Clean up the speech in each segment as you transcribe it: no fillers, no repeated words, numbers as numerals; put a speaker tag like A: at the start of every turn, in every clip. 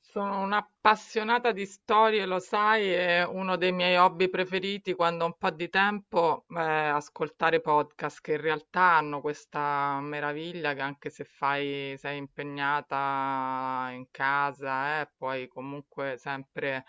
A: Sono un'appassionata di storie, lo sai, e uno dei miei hobby preferiti quando ho un po' di tempo è ascoltare podcast che in realtà hanno questa meraviglia che anche se sei impegnata in casa, puoi comunque sempre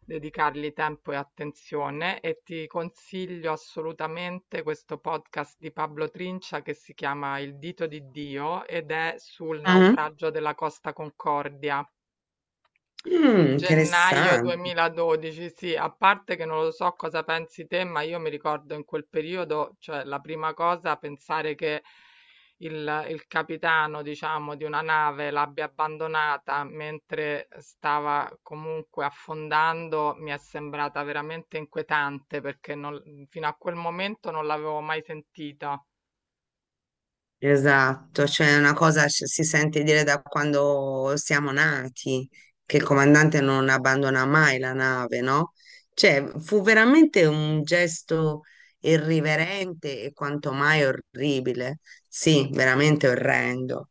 A: dedicargli tempo e attenzione e ti consiglio assolutamente questo podcast di Pablo Trincia che si chiama Il dito di Dio ed è sul
B: Ah,
A: naufragio della Costa Concordia.
B: mm,
A: Gennaio
B: interessante.
A: 2012, sì, a parte che non lo so cosa pensi te, ma io mi ricordo in quel periodo, cioè la prima cosa, pensare che il capitano, diciamo, di una nave l'abbia abbandonata mentre stava comunque affondando, mi è sembrata veramente inquietante perché fino a quel momento non l'avevo mai sentita.
B: Esatto, cioè una cosa si sente dire da quando siamo nati, che il comandante non abbandona mai la nave, no? Cioè, fu veramente un gesto irriverente e quanto mai orribile, sì, veramente orrendo,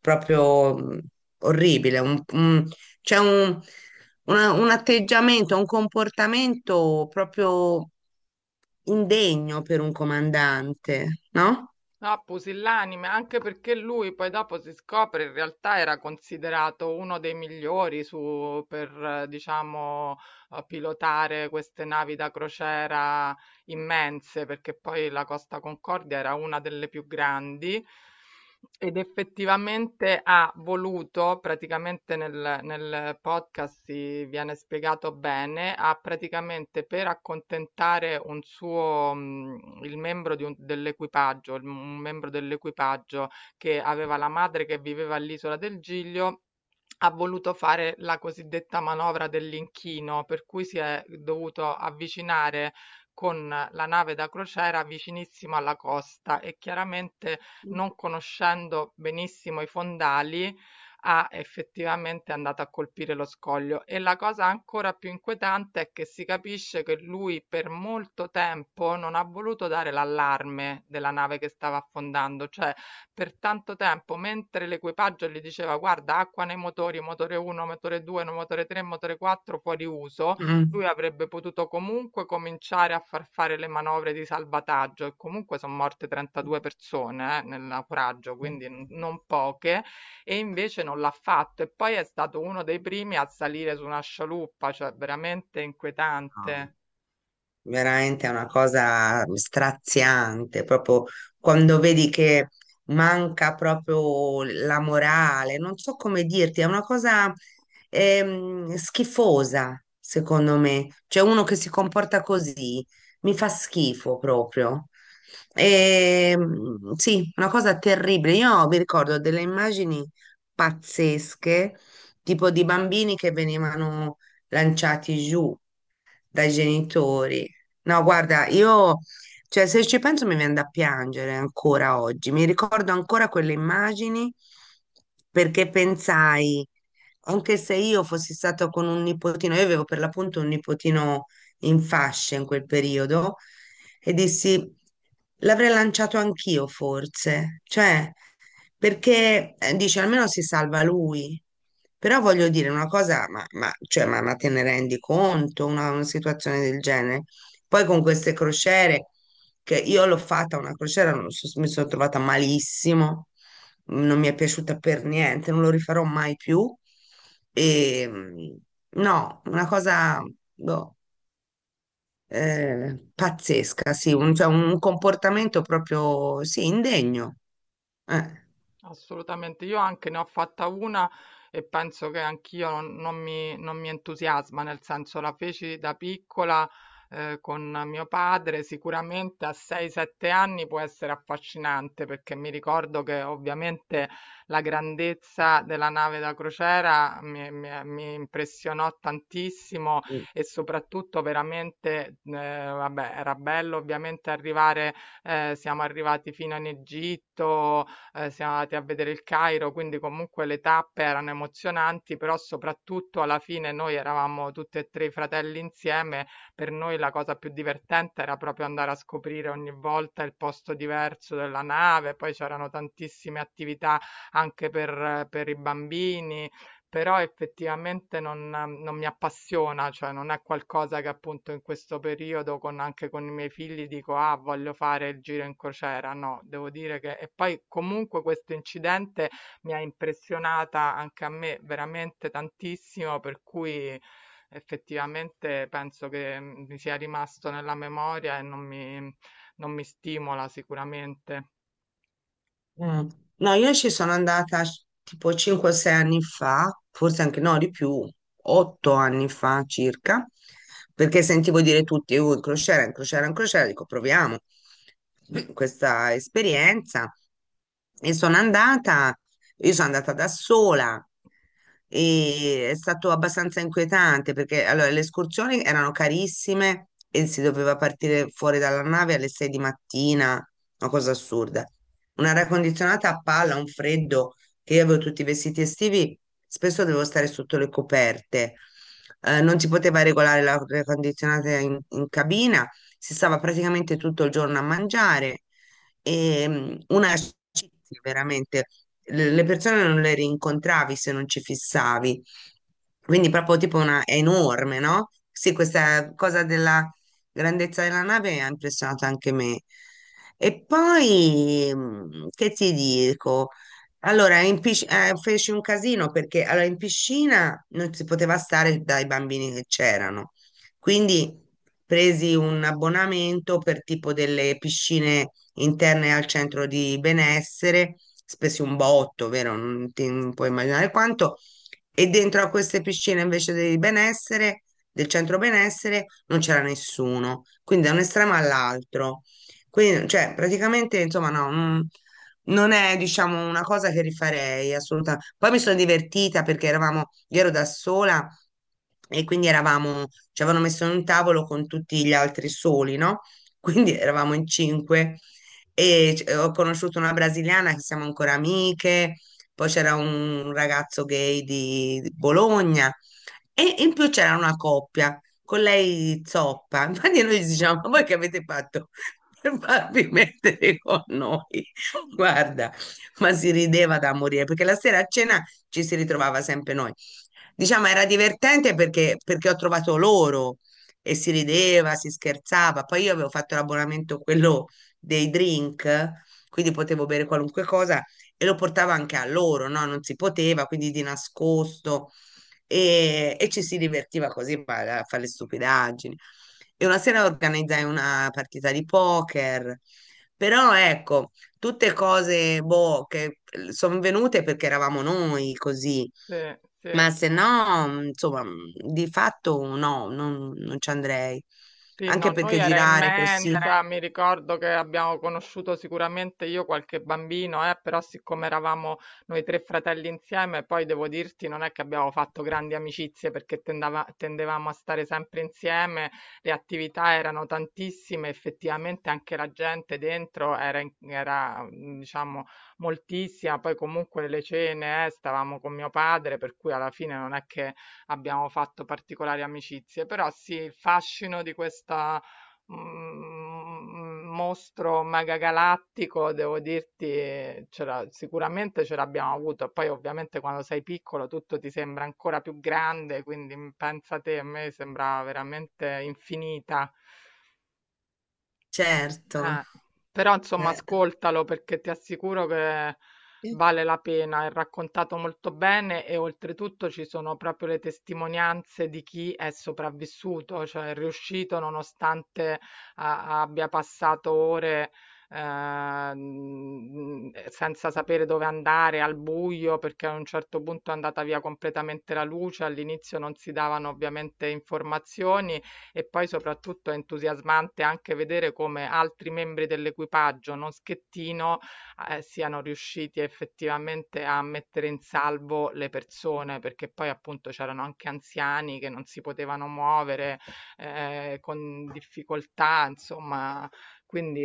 B: proprio orribile, c'è un atteggiamento, un comportamento proprio indegno per un comandante, no?
A: Ah, pusillanime, anche perché lui poi dopo si scopre in realtà era considerato uno dei migliori su, per, diciamo, pilotare queste navi da crociera immense, perché poi la Costa Concordia era una delle più grandi ed effettivamente ha voluto, praticamente nel podcast si viene spiegato bene, ha praticamente per accontentare un suo, il membro dell'equipaggio, un membro dell'equipaggio che aveva la madre che viveva all'isola del Giglio, ha voluto fare la cosiddetta manovra dell'inchino, per cui si è dovuto avvicinare con la nave da crociera vicinissimo alla costa e chiaramente non conoscendo benissimo i fondali ha effettivamente è andato a colpire lo scoglio e la cosa ancora più inquietante è che si capisce che lui per molto tempo non ha voluto dare l'allarme della nave che stava affondando, cioè per tanto tempo mentre l'equipaggio gli diceva guarda acqua nei motori, motore 1, motore 2, no, motore 3, motore 4 fuori uso,
B: Mm.
A: lui avrebbe potuto comunque cominciare a far fare le manovre di salvataggio e comunque son morte 32 persone, nel naufragio, quindi n non poche, e invece non l'ha fatto. E poi è stato uno dei primi a salire su una scialuppa, cioè veramente
B: No.
A: inquietante.
B: Veramente è una cosa straziante, proprio quando vedi che manca proprio la morale, non so come dirti, è una cosa schifosa, secondo me. Cioè uno che si comporta così mi fa schifo proprio. Sì, una cosa terribile. Io mi ricordo delle immagini pazzesche, tipo di bambini che venivano lanciati giù dai genitori. No, guarda, io, cioè, se ci penso mi viene da piangere ancora oggi. Mi ricordo ancora quelle immagini perché pensai, anche se io fossi stato con un nipotino, io avevo per l'appunto un nipotino in fasce in quel periodo, e dissi, l'avrei lanciato anch'io forse. Cioè, perché dice almeno si salva lui. Però voglio dire una cosa, cioè, ma te ne rendi conto una situazione del genere? Poi con queste crociere, che io l'ho fatta una crociera, non so- mi sono trovata malissimo, non mi è piaciuta per niente, non lo rifarò mai più. E, mm, no, una cosa boh, pazzesca, sì, cioè, un comportamento proprio, sì, indegno. Eh.
A: Assolutamente, io anche ne ho fatta una e penso che anch'io non mi entusiasma, nel senso la feci da piccola con mio padre, sicuramente a 6-7 anni può essere affascinante perché mi ricordo che ovviamente la grandezza della nave da crociera mi impressionò tantissimo e soprattutto veramente, vabbè, era bello ovviamente arrivare, siamo arrivati fino in Egitto siamo andati a vedere il Cairo, quindi comunque le tappe erano emozionanti, però soprattutto alla fine noi eravamo tutti e tre i fratelli insieme, per noi la cosa più divertente era proprio andare a scoprire ogni volta il posto diverso della nave, poi c'erano tantissime attività anche per i bambini. Però effettivamente non mi appassiona, cioè non è qualcosa che appunto in questo periodo con anche con i miei figli dico: "Ah, voglio fare il giro in crociera". No, devo dire che e poi comunque questo incidente mi ha impressionata anche a me veramente tantissimo, per cui effettivamente penso che mi sia rimasto nella memoria e non mi stimola sicuramente.
B: Mm. No, io ci sono andata tipo 5-6 anni fa, forse anche no, di più, 8 anni fa circa, perché sentivo dire tutti, in crociera, in crociera, in crociera, dico proviamo questa esperienza. E sono andata, io sono andata da sola e è stato abbastanza inquietante perché allora, le escursioni erano carissime e si doveva partire fuori dalla nave alle 6 di mattina, una cosa assurda. Un'aria condizionata a palla, un freddo, che io avevo tutti i vestiti estivi, spesso dovevo stare sotto le coperte. Non si poteva regolare l'aria condizionata in cabina, si stava praticamente tutto il giorno a mangiare. E, una scizia, veramente, le persone non le rincontravi se non ci fissavi. Quindi proprio tipo è enorme, no? Sì, questa cosa della grandezza della nave ha impressionato anche me. E poi, che ti dico? Allora, feci un casino perché allora, in piscina non si poteva stare dai bambini che c'erano. Quindi presi un abbonamento per tipo delle piscine interne al centro di benessere, spesi un botto, vero? Non puoi immaginare quanto. E dentro a queste piscine invece del benessere, del centro benessere, non c'era nessuno. Quindi da un estremo all'altro. Quindi, cioè, praticamente, insomma, no, non è, diciamo, una cosa che rifarei assolutamente. Poi mi sono divertita perché eravamo, io ero da sola e quindi eravamo, ci avevano messo in un tavolo con tutti gli altri soli, no? Quindi eravamo in cinque e ho conosciuto una brasiliana che siamo ancora amiche, poi c'era un ragazzo gay di Bologna e in più c'era una coppia con lei zoppa. Infatti noi gli diciamo, ma voi che avete fatto per farvi mettere con noi? Guarda, ma si rideva da morire perché la sera a cena ci si ritrovava sempre noi. Diciamo era divertente perché ho trovato loro e si rideva, si scherzava. Poi io avevo fatto l'abbonamento quello dei drink, quindi potevo bere qualunque cosa e lo portavo anche a loro, no? Non si poteva, quindi di nascosto e ci si divertiva così a fare le stupidaggini. E una sera organizzai una partita di poker, però ecco tutte cose, boh, che sono venute perché eravamo noi così,
A: Sì, sì.
B: ma se no, insomma, di fatto no, non ci andrei.
A: Sì, no,
B: Anche
A: noi
B: perché
A: era
B: girare così, chiedere.
A: immensa, mi ricordo che abbiamo conosciuto sicuramente io qualche bambino, però siccome eravamo noi tre fratelli insieme, poi devo dirti non è che abbiamo fatto grandi amicizie perché tendevamo a stare sempre insieme, le attività erano tantissime, effettivamente anche la gente dentro era, era, diciamo, moltissima, poi comunque le cene, stavamo con mio padre, per cui alla fine non è che abbiamo fatto particolari amicizie, però sì, il fascino di questa mostro megagalattico, devo dirti, sicuramente ce l'abbiamo avuto. Poi ovviamente quando sei piccolo tutto ti sembra ancora più grande, quindi pensa te, a me sembrava veramente infinita.
B: Certo.
A: Eh, però insomma
B: Eh,
A: ascoltalo perché ti assicuro che vale la pena, è raccontato molto bene e oltretutto ci sono proprio le testimonianze di chi è sopravvissuto, cioè è riuscito nonostante abbia passato ore senza sapere dove andare, al buio, perché a un certo punto è andata via completamente la luce, all'inizio non si davano ovviamente informazioni e poi soprattutto è entusiasmante anche vedere come altri membri dell'equipaggio, non Schettino, siano riusciti effettivamente a mettere in salvo le persone, perché poi appunto c'erano anche anziani che non si potevano muovere, con difficoltà, insomma. Quindi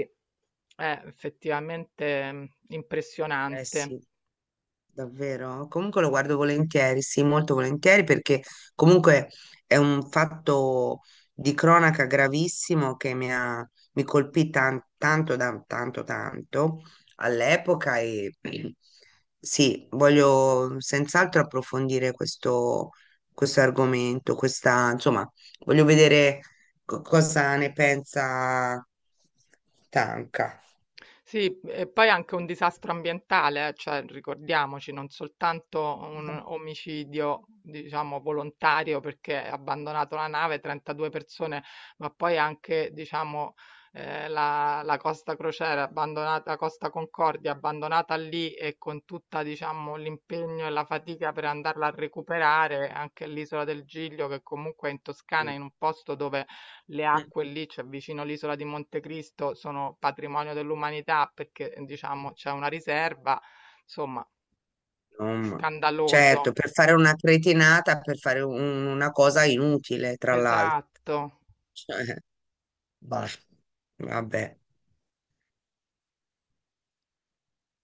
A: è effettivamente,
B: eh
A: impressionante.
B: sì. Davvero? Comunque lo guardo volentieri, sì, molto volentieri perché comunque è un fatto di cronaca gravissimo che mi colpì tanto, tanto all'epoca e sì, voglio senz'altro approfondire questo, argomento, questa, insomma, voglio vedere cosa ne pensa Tanca.
A: Sì, e poi anche un disastro ambientale, cioè ricordiamoci, non soltanto un omicidio, diciamo, volontario perché ha abbandonato la nave 32 persone, ma poi anche, diciamo, la Costa Crociere abbandonata, la Costa Concordia abbandonata lì e con tutta, diciamo, l'impegno e la fatica per andarla a recuperare, anche l'isola del Giglio che comunque è in Toscana,
B: Mm.
A: in un posto dove le acque lì, cioè vicino all'isola di Montecristo, sono patrimonio dell'umanità perché diciamo c'è una riserva, insomma,
B: Insomma.
A: scandaloso.
B: Certo, per fare una cretinata, per fare una cosa inutile, tra l'altro.
A: Esatto.
B: Cioè, Ba- vabbè.